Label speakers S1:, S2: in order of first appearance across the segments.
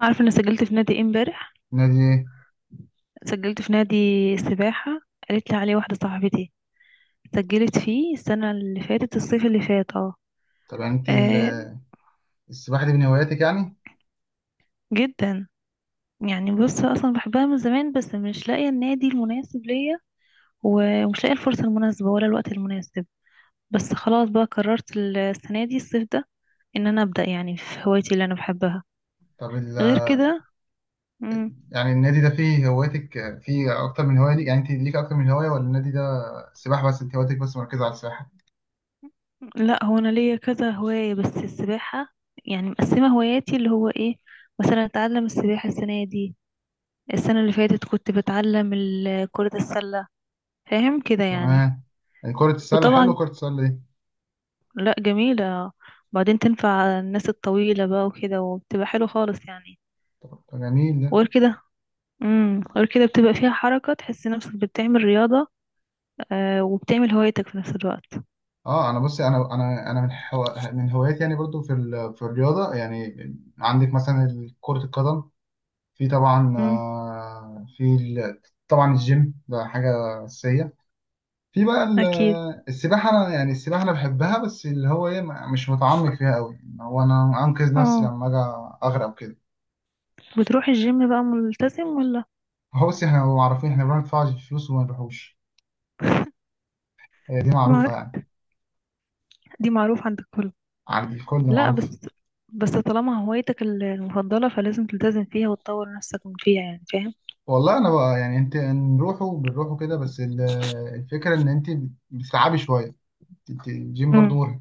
S1: عارفه انا سجلت في نادي ايه امبارح؟
S2: نادي ايه؟
S1: سجلت في نادي سباحه. قالت لي عليه واحده صاحبتي. سجلت فيه السنه اللي فاتت الصيف اللي فات اه.
S2: طب يعني
S1: آه.
S2: السباحه دي من هواياتك يعني؟
S1: جدا. يعني بص اصلا بحبها من زمان، بس مش لاقيه النادي المناسب ليا، ومش لاقيه الفرصه المناسبه ولا الوقت المناسب. بس خلاص بقى قررت السنه دي الصيف ده ان انا ابدا يعني في هوايتي اللي انا بحبها.
S2: طب ال...
S1: غير كده.
S2: يعني النادي ده فيه هواياتك، فيه اكتر من هوايه ليك؟ يعني انت ليك اكتر من هوايه، ولا النادي ده سباحه بس؟ انت هواياتك بس مركزه على السباحه؟
S1: لا، هو انا ليا كذا هواية بس السباحة، يعني مقسمة هواياتي اللي هو ايه. مثلا اتعلم السباحة السنة دي، السنة اللي فاتت كنت بتعلم كرة السلة. فاهم كده يعني.
S2: تمام. يعني كره السله حلو،
S1: وطبعا.
S2: كره السله دي.
S1: لا، جميلة. وبعدين تنفع الناس الطويلة بقى وكده، وبتبقى حلو خالص يعني.
S2: طب، جميل ده.
S1: وغير كده. غير كده بتبقى فيها حركة تحس نفسك بتعمل رياضة. وبتعمل هوايتك في نفس الوقت.
S2: اه، انا بصي، انا من هواياتي يعني، برضو في الرياضه يعني. عندك مثلا كره القدم، في طبعا،
S1: امم.
S2: طبعا الجيم ده حاجه اساسيه. في بقى ال-
S1: اكيد.
S2: السباحة أنا، يعني السباحة أنا بحبها، بس اللي هو إيه، مش متعمق فيها أوي، إن هو أنا أنقذ نفسي
S1: اه
S2: لما أجي أغرق وكده.
S1: بتروح الجيم بقى ملتزم ولا؟
S2: هو بس إحنا معروفين، إحنا بنروح ندفع الفلوس وما نروحوش. هي دي
S1: دي مع-
S2: معروفة يعني.
S1: دي معروف عند الكل.
S2: عند الكل
S1: لا
S2: معروفة.
S1: بس. بس طالما هوايتك المفضلة، فلازم تلتزم فيها وتطور نفسك من فيها يعني فاهم.
S2: والله أنا بقى يعني، أنت نروحوا بنروحوا كده بس الفكرة إن أنت بتتعبي شوية، أنت الجيم برضو
S1: امم.
S2: مرهق.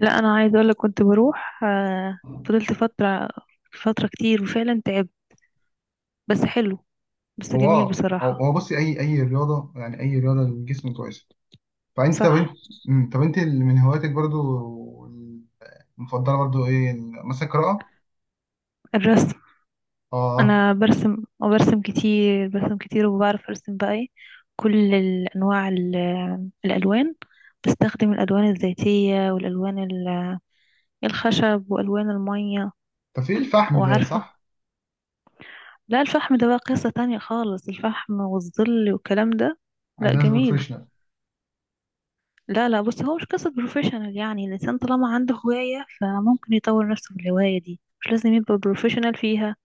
S1: لا، انا عايزة اقولك كنت بروح فضلت فترة، فترة كتير وفعلا تعبت. بس حلو. بس
S2: هو،
S1: جميل
S2: هو
S1: بصراحة.
S2: هو بصي، أي رياضة، يعني أي رياضة للجسم كويسة. فأنت، طب
S1: صح.
S2: أنت. طب أنت اللي من هواياتك برضو، مفضله برضو ايه، مثلا القراءه؟
S1: الرسم.
S2: اه.
S1: انا برسم، وبرسم كتير، برسم كتير، وبعرف ارسم بقى ايه كل الانواع الالوان. بستخدم الالوان الزيتية، والالوان الخشب، والوان المية.
S2: طب في الفحم ده،
S1: وعارفة.
S2: صح؟
S1: لا، الفحم ده بقى قصة تانية خالص، الفحم والظل والكلام ده.
S2: عايز
S1: لا،
S2: ناس
S1: جميل.
S2: بروفيشنال.
S1: لا، لا، بص، هو مش قصة بروفيشنال، يعني الإنسان طالما عنده هواية، فممكن يطور نفسه في الهواية دي، مش لازم يبقى بروفيشنال فيها.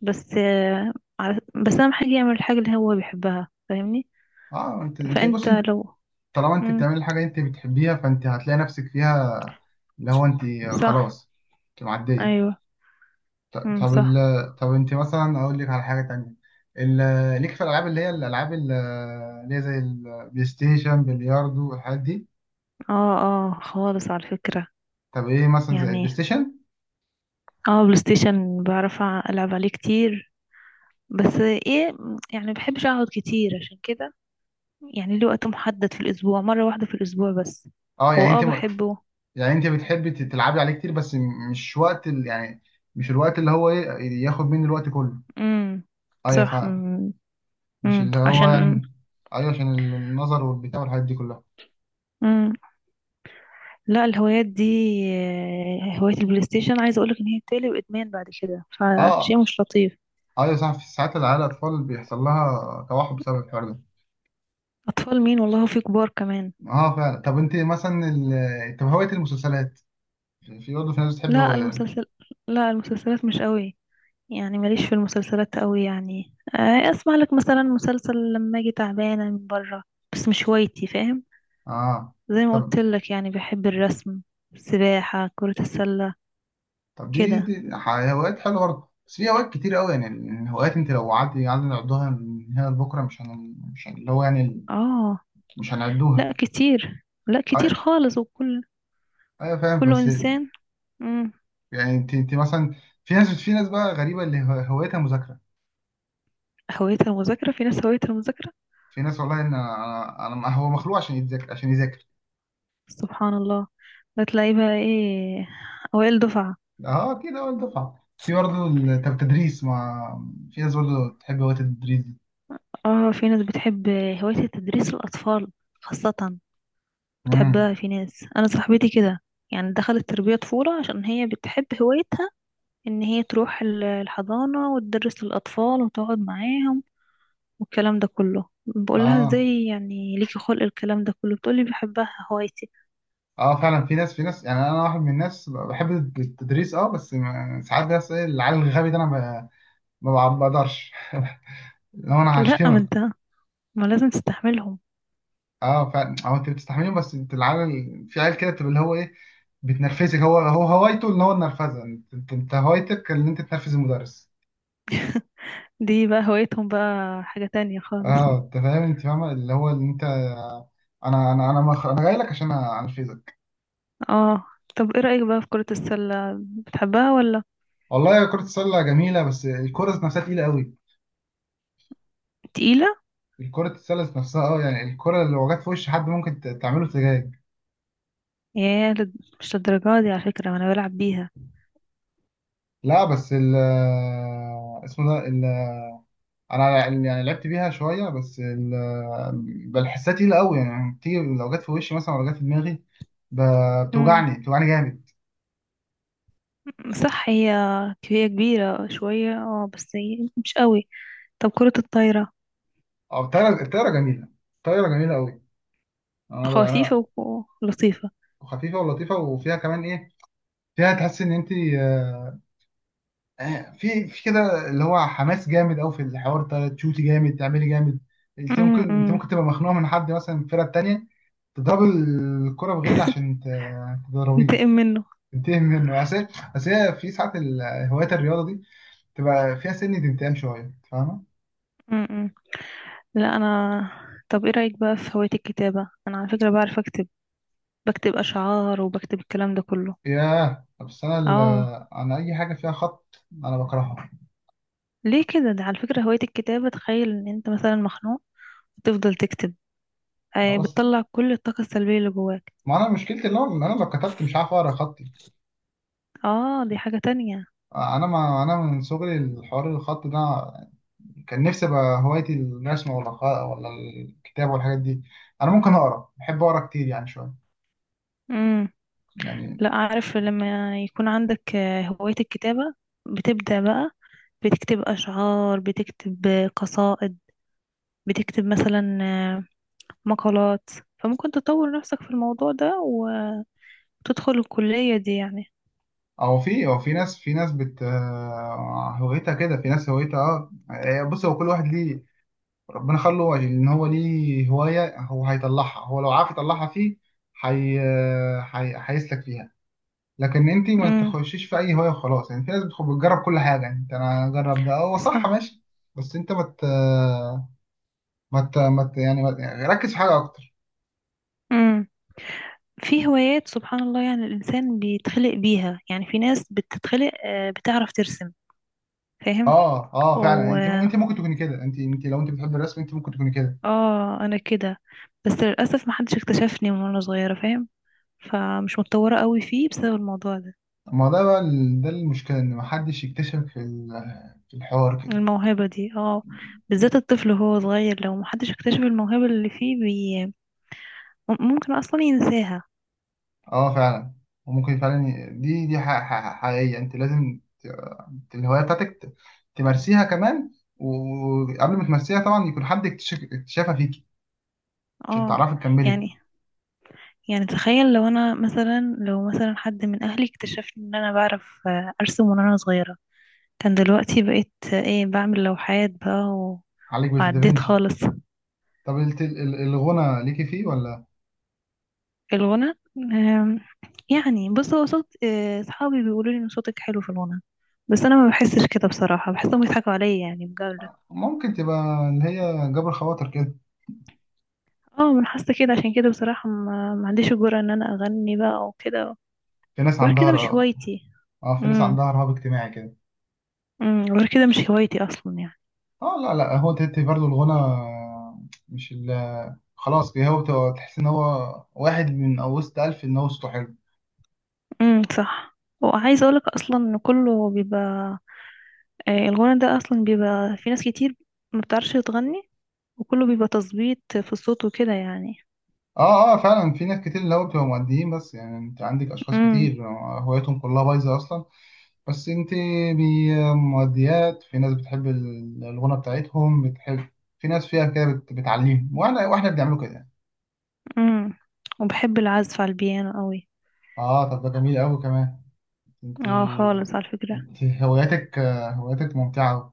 S1: بس بس أهم حاجة يعمل الحاجة اللي هو بيحبها فاهمني.
S2: اه، انت بص
S1: فأنت
S2: انت،
S1: لو.
S2: طالما انت
S1: مم.
S2: بتعمل الحاجه انت بتحبيها، فانت هتلاقي نفسك فيها. اللي هو انت،
S1: صح.
S2: خلاص، انت معديه.
S1: أيوه.
S2: ط-
S1: مم.
S2: طب ال...
S1: صح.
S2: طب انت مثلا، اقول لك على حاجه تانية، ال... ليك في الالعاب، اللي هي الالعاب اللي هي زي البلاي ستيشن، بلياردو والحاجات دي.
S1: اه، اه، خالص على فكرة.
S2: طب ايه مثلا زي البلاي
S1: يعني.
S2: ستيشن؟
S1: اه، بلاي ستيشن بعرف ألعب عليه كتير. بس ايه، يعني مبحبش اقعد كتير عشان كده، يعني ليه وقت محدد في الأسبوع، مرة واحدة في الأسبوع بس.
S2: اه
S1: هو
S2: يعني انت،
S1: بحبه.
S2: يعني انت بتحبي تلعبي عليه كتير، بس مش وقت يعني مش الوقت اللي هو ايه، ياخد مني الوقت كله.
S1: امم،
S2: ايوه،
S1: صح.
S2: فاهم. مش اللي هو
S1: عشان.
S2: يعني. ايوه، عشان النظر والبتاع والحاجات دي كلها.
S1: امم. لا، الهوايات دي، هواية البلاي ستيشن عايزة أقولك إن هي بتقلب إدمان بعد كده،
S2: اه
S1: فشيء مش لطيف.
S2: ايوه صح، في ساعات العيال الاطفال بيحصل لها توحد بسبب الحوار ده.
S1: أطفال مين، والله في كبار كمان.
S2: اه فعلا. طب انت مثلا، طب هوايه المسلسلات، في برضه في ناس بتحب
S1: لا،
S2: هو...
S1: المسلسل. لا، المسلسلات مش قوي. يعني ماليش في المسلسلات قوي، يعني أسمع لك مثلا مسلسل لما أجي تعبانة من برا. بس مش هوايتي فاهم.
S2: اه.
S1: زي ما
S2: طب
S1: قلت لك، يعني بحب الرسم، السباحة، كرة السلة.
S2: طب
S1: كده
S2: هوايات حلوه برضه، بس في هوايات كتير قوي. يعني الهوايات، انت لو قعدت، قعدنا نعدها من هنا لبكره، مش هن... مش هن- اللي هو يعني
S1: اه.
S2: مش هنعدوها.
S1: لا كتير، لا كتير
S2: أي-
S1: خالص، وكل
S2: ايوه فاهم،
S1: كل
S2: بس
S1: انسان. مم.
S2: يعني انت مثلا، في ناس بقى غريبه، هوايتها مذاكره.
S1: هوايتها المذاكرة، في ناس هوايتها المذاكرة.
S2: في ناس والله ان هو مخلوق عشان يتذاكر، عشان يذاكر.
S1: سبحان الله. بتلاقي بقى ايه، اوائل دفعة.
S2: اه اكيد، اول دفعه. طب التدريس، ما في ناس برضه تحب هوايه التدريس دي.
S1: اه، في ناس بتحب هواية تدريس الاطفال خاصة،
S2: امم.
S1: بتحبها. في ناس، انا صاحبتي كده، يعني دخلت تربية طفولة عشان هي بتحب هوايتها ان هي تروح الحضانة وتدرس للاطفال وتقعد معاهم، والكلام ده كله. بقول لها
S2: اه
S1: ازاي يعني ليكي خلق الكلام ده كله، بتقولي بحبها هوايتي.
S2: اه فعلا، في ناس، يعني انا واحد من الناس بحب التدريس. اه، بس ساعات بس العيال الغبي ده انا ما بقدرش لو انا
S1: لا، ما
S2: هشتمك.
S1: انت، ما لازم تستحملهم.
S2: اه فعلا، اه انت بتستحملهم، بس انت العيال، في عيال كده بتبقى اللي هو ايه، بتنرفزك. هو هوايته ان هو النرفزه، انت هوايتك ان انت تنرفز المدرس.
S1: دي بقى هوايتهم بقى حاجة تانية خالص.
S2: اه انت فاهم، انت فاهمه اللي هو اللي انت، انا جاي لك عشان انرفزك.
S1: اه، طب ايه رأيك بقى في كرة السلة، بتحبها ولا؟
S2: والله كره السله جميله، بس الكره ذات نفسها تقيله قوي.
S1: تقيلة.
S2: الكره السله ذات نفسها، اه يعني الكره لو جت في وش حد ممكن تعمله سجاج.
S1: مش للدرجة دي على فكرة، انا بلعب بيها.
S2: لا بس ال اسمه ده ال... انا يعني لعبت بيها شويه، بل حسها تقيله قوي، يعني بتيجي لو جت في وشي مثلا، ولا جت في دماغي،
S1: امم،
S2: بتوجعني، بتوجعني جامد.
S1: صح. هي كبيرة شوية، اه، بس هي مش قوي. طب كرة الطايرة.
S2: او الطايره، الطايره جميله، الطايره جميله قوي. انا بقى انا،
S1: خفيفة ولطيفة.
S2: خفيفه ولطيفه، وفيها كمان ايه، فيها تحس ان انت، في كده اللي هو حماس جامد قوي، في الحوار ده تشوتي جامد، تعملي جامد. انت ممكن انت
S1: امم.
S2: ممكن تبقى مخنوقه من حد، مثلا من الفرقه التانيه، تضرب الكره بغل عشان تضربيه.
S1: انتقم منه.
S2: تنتهي منه. اصل هي في ساعات هوايات الرياضه دي تبقى فيها سن انتقام شويه، أنت فاهمه؟
S1: م-م. لا، انا، طب ايه رايك بقى في هوايه الكتابه، انا على فكره بعرف اكتب، بكتب اشعار وبكتب الكلام ده كله.
S2: ياه، بس
S1: اه،
S2: انا اي حاجه فيها خط انا بكرهها.
S1: ليه كده، ده على فكره هوايه الكتابه، تخيل ان انت مثلا مخنوق، تفضل تكتب.
S2: بس
S1: بتطلع كل الطاقه السلبيه اللي جواك.
S2: ما انا مشكلتي اللي هو ان انا لو كتبت مش عارف اقرا خطي.
S1: اه، دي حاجه تانية.
S2: انا، ما انا من صغري الحوار الخط ده، كان نفسي ابقى هوايتي الرسم، ولا ولا الكتابه والحاجات دي. انا ممكن اقرا، بحب اقرا كتير يعني، شويه
S1: امم.
S2: يعني.
S1: لا، عارف لما يكون عندك هوايه الكتابه، بتبدا بقى بتكتب اشعار، بتكتب قصائد، بتكتب مثلا مقالات، فممكن تطور نفسك في الموضوع ده وتدخل الكلية دي يعني.
S2: او في ناس، في ناس بت آه، هوايتها كده، في ناس هوايتها اه. بص هو كل واحد ليه ربنا خلقه ان هو ليه هوايه، هو هيطلعها، هو لو عارف يطلعها فيه هيسلك فيها. لكن انت ما
S1: امم،
S2: تخشيش في اي هوايه وخلاص، يعني في ناس بتجرب كل حاجه، يعني انت انا اجرب ده، هو صح
S1: صح.
S2: ماشي. بس انت ما مت... مت... مت... يعني ما ت- يعني ركز في حاجه اكتر.
S1: امم في هوايات سبحان الله، يعني الإنسان بيتخلق بيها، يعني في ناس بتتخلق بتعرف ترسم فاهم.
S2: اه فعلا، يعني
S1: و
S2: انت ممكن تكوني كده، انت لو انت بتحب الرسم، انت ممكن تكوني كده.
S1: اه أنا كده، بس للأسف محدش اكتشفني من وأنا صغيرة فاهم، فمش متطورة قوي فيه بسبب الموضوع ده.
S2: ما ده بقى ده المشكله، ان ما حدش يكتشف في الحوار كده.
S1: الموهبة دي اه، بالذات الطفل وهو صغير لو محدش اكتشف الموهبة اللي فيه ممكن أصلا ينساها.
S2: اه فعلا، وممكن فعلا دي حقيقيه، انت لازم الهوايه بتاعتك تمارسيها كمان، وقبل ما تمارسيها طبعا يكون حد اكتشف اكتشافها فيك عشان
S1: اه،
S2: تعرفي تكملي.
S1: يعني، يعني تخيل لو انا مثلا، لو مثلا حد من اهلي اكتشف ان انا بعرف ارسم من وانا صغيرة، كان دلوقتي بقيت ايه، بعمل لوحات بقى
S2: عليك بيت
S1: وعديت
S2: دافنشي.
S1: خالص.
S2: طب الغنى ليكي فيه ولا؟
S1: الغنى يعني بص، هو صوت صحابي بيقولوا لي ان صوتك حلو في الغنى، بس انا ما بحسش كده بصراحة، بحسهم بيضحكوا عليا يعني بجد.
S2: ممكن تبقى اللي هي جبر خواطر كده.
S1: اه، من حاسة كده، عشان كده بصراحة ما عنديش الجرأة ان انا اغني بقى وكده.
S2: في ناس
S1: غير
S2: عندها
S1: كده مش
S2: ر-
S1: هوايتي.
S2: اه، في ناس
S1: امم.
S2: عندها رهاب اجتماعي كده.
S1: غير كده مش هوايتي اصلا يعني.
S2: اه لا لا، هو تهتي برضه الغنى، مش ال... خلاص كده، هو بتبقى تحس ان هو واحد من وسط ألف، ان هو صوته حلو.
S1: امم، صح. وعايزه اقولك اصلا ان كله بيبقى الغنى ده اصلا بيبقى في ناس كتير ما بتعرفش تغني، وكله بيبقى تظبيط في الصوت وكده يعني.
S2: اه فعلا، في ناس كتير اللي هو بتبقى مؤديين بس. يعني انت عندك اشخاص
S1: امم.
S2: كتير هوايتهم كلها بايظه اصلا، بس انت مؤديات، في ناس بتحب الغنى بتاعتهم بتحب، في ناس فيها كده بتعلمهم، واحنا بنعمله كده.
S1: امم. وبحب العزف على البيانو قوي.
S2: اه، طب ده جميل قوي كمان. انت
S1: اه، خالص على فكره.
S2: انت هواياتك ممتعه أوي.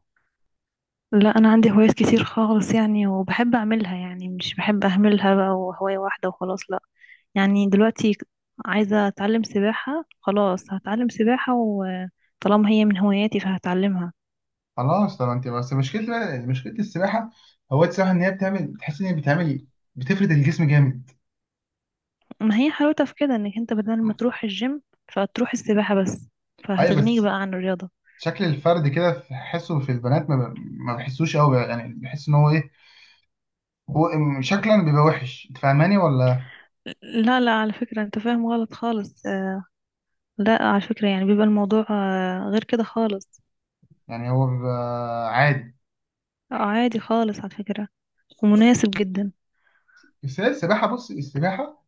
S1: لا، انا عندي هوايات كتير خالص يعني، وبحب اعملها، يعني مش بحب اهملها بقى وهوايه واحده وخلاص، لا. يعني دلوقتي عايزه اتعلم سباحه، خلاص هتعلم سباحه، وطالما هي من هواياتي فهتعلمها.
S2: خلاص، طب انت بس، مشكلة السباحة، هواية السباحة ان هي بتعمل، تحس ان هي بتعمل، بتفرد الجسم جامد.
S1: ما هي حلاوتها في كده، انك انت بدل ما تروح الجيم، فتروح السباحة بس،
S2: ايوه
S1: فهتغنيك
S2: بس،
S1: بقى عن الرياضة.
S2: شكل الفرد كده تحسه في البنات، ما بحسوش قوي، يعني بحس ان هو ايه، هو شكلا بيبقى وحش، انت فاهماني ولا؟
S1: لا، لا، على فكرة، انت فاهم غلط خالص لا، على فكرة، يعني بيبقى الموضوع غير كده خالص.
S2: يعني هو بيبقى عادي.
S1: آه، عادي خالص على فكرة، ومناسب جدا.
S2: بس هي السباحه، بص السباحه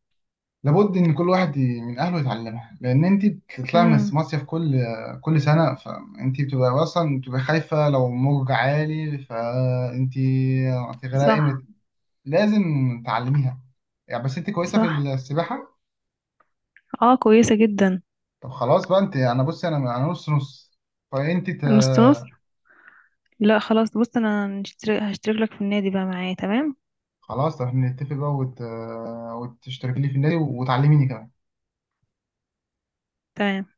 S2: لابد ان كل واحد من اهله يتعلمها، لان انت بتطلعي من
S1: امم،
S2: المصيف كل سنه، فانت بتبقى اصلا بتبقى خايفه لو موج عالي، فانت هتغرقي،
S1: صح.
S2: لازم تعلميها يعني. بس انت كويسه في
S1: صح،
S2: السباحه؟
S1: اه، كويسة جدا.
S2: طب خلاص بقى، انت، انا بص، انا نص نص، فانت.
S1: نص نص. لا، خلاص، بص، انا هشترك لك في النادي بقى معايا تمام.
S2: خلاص، احنا نتفق بقى، وتشترك لي في النادي، وتعلميني كمان.
S1: تمام.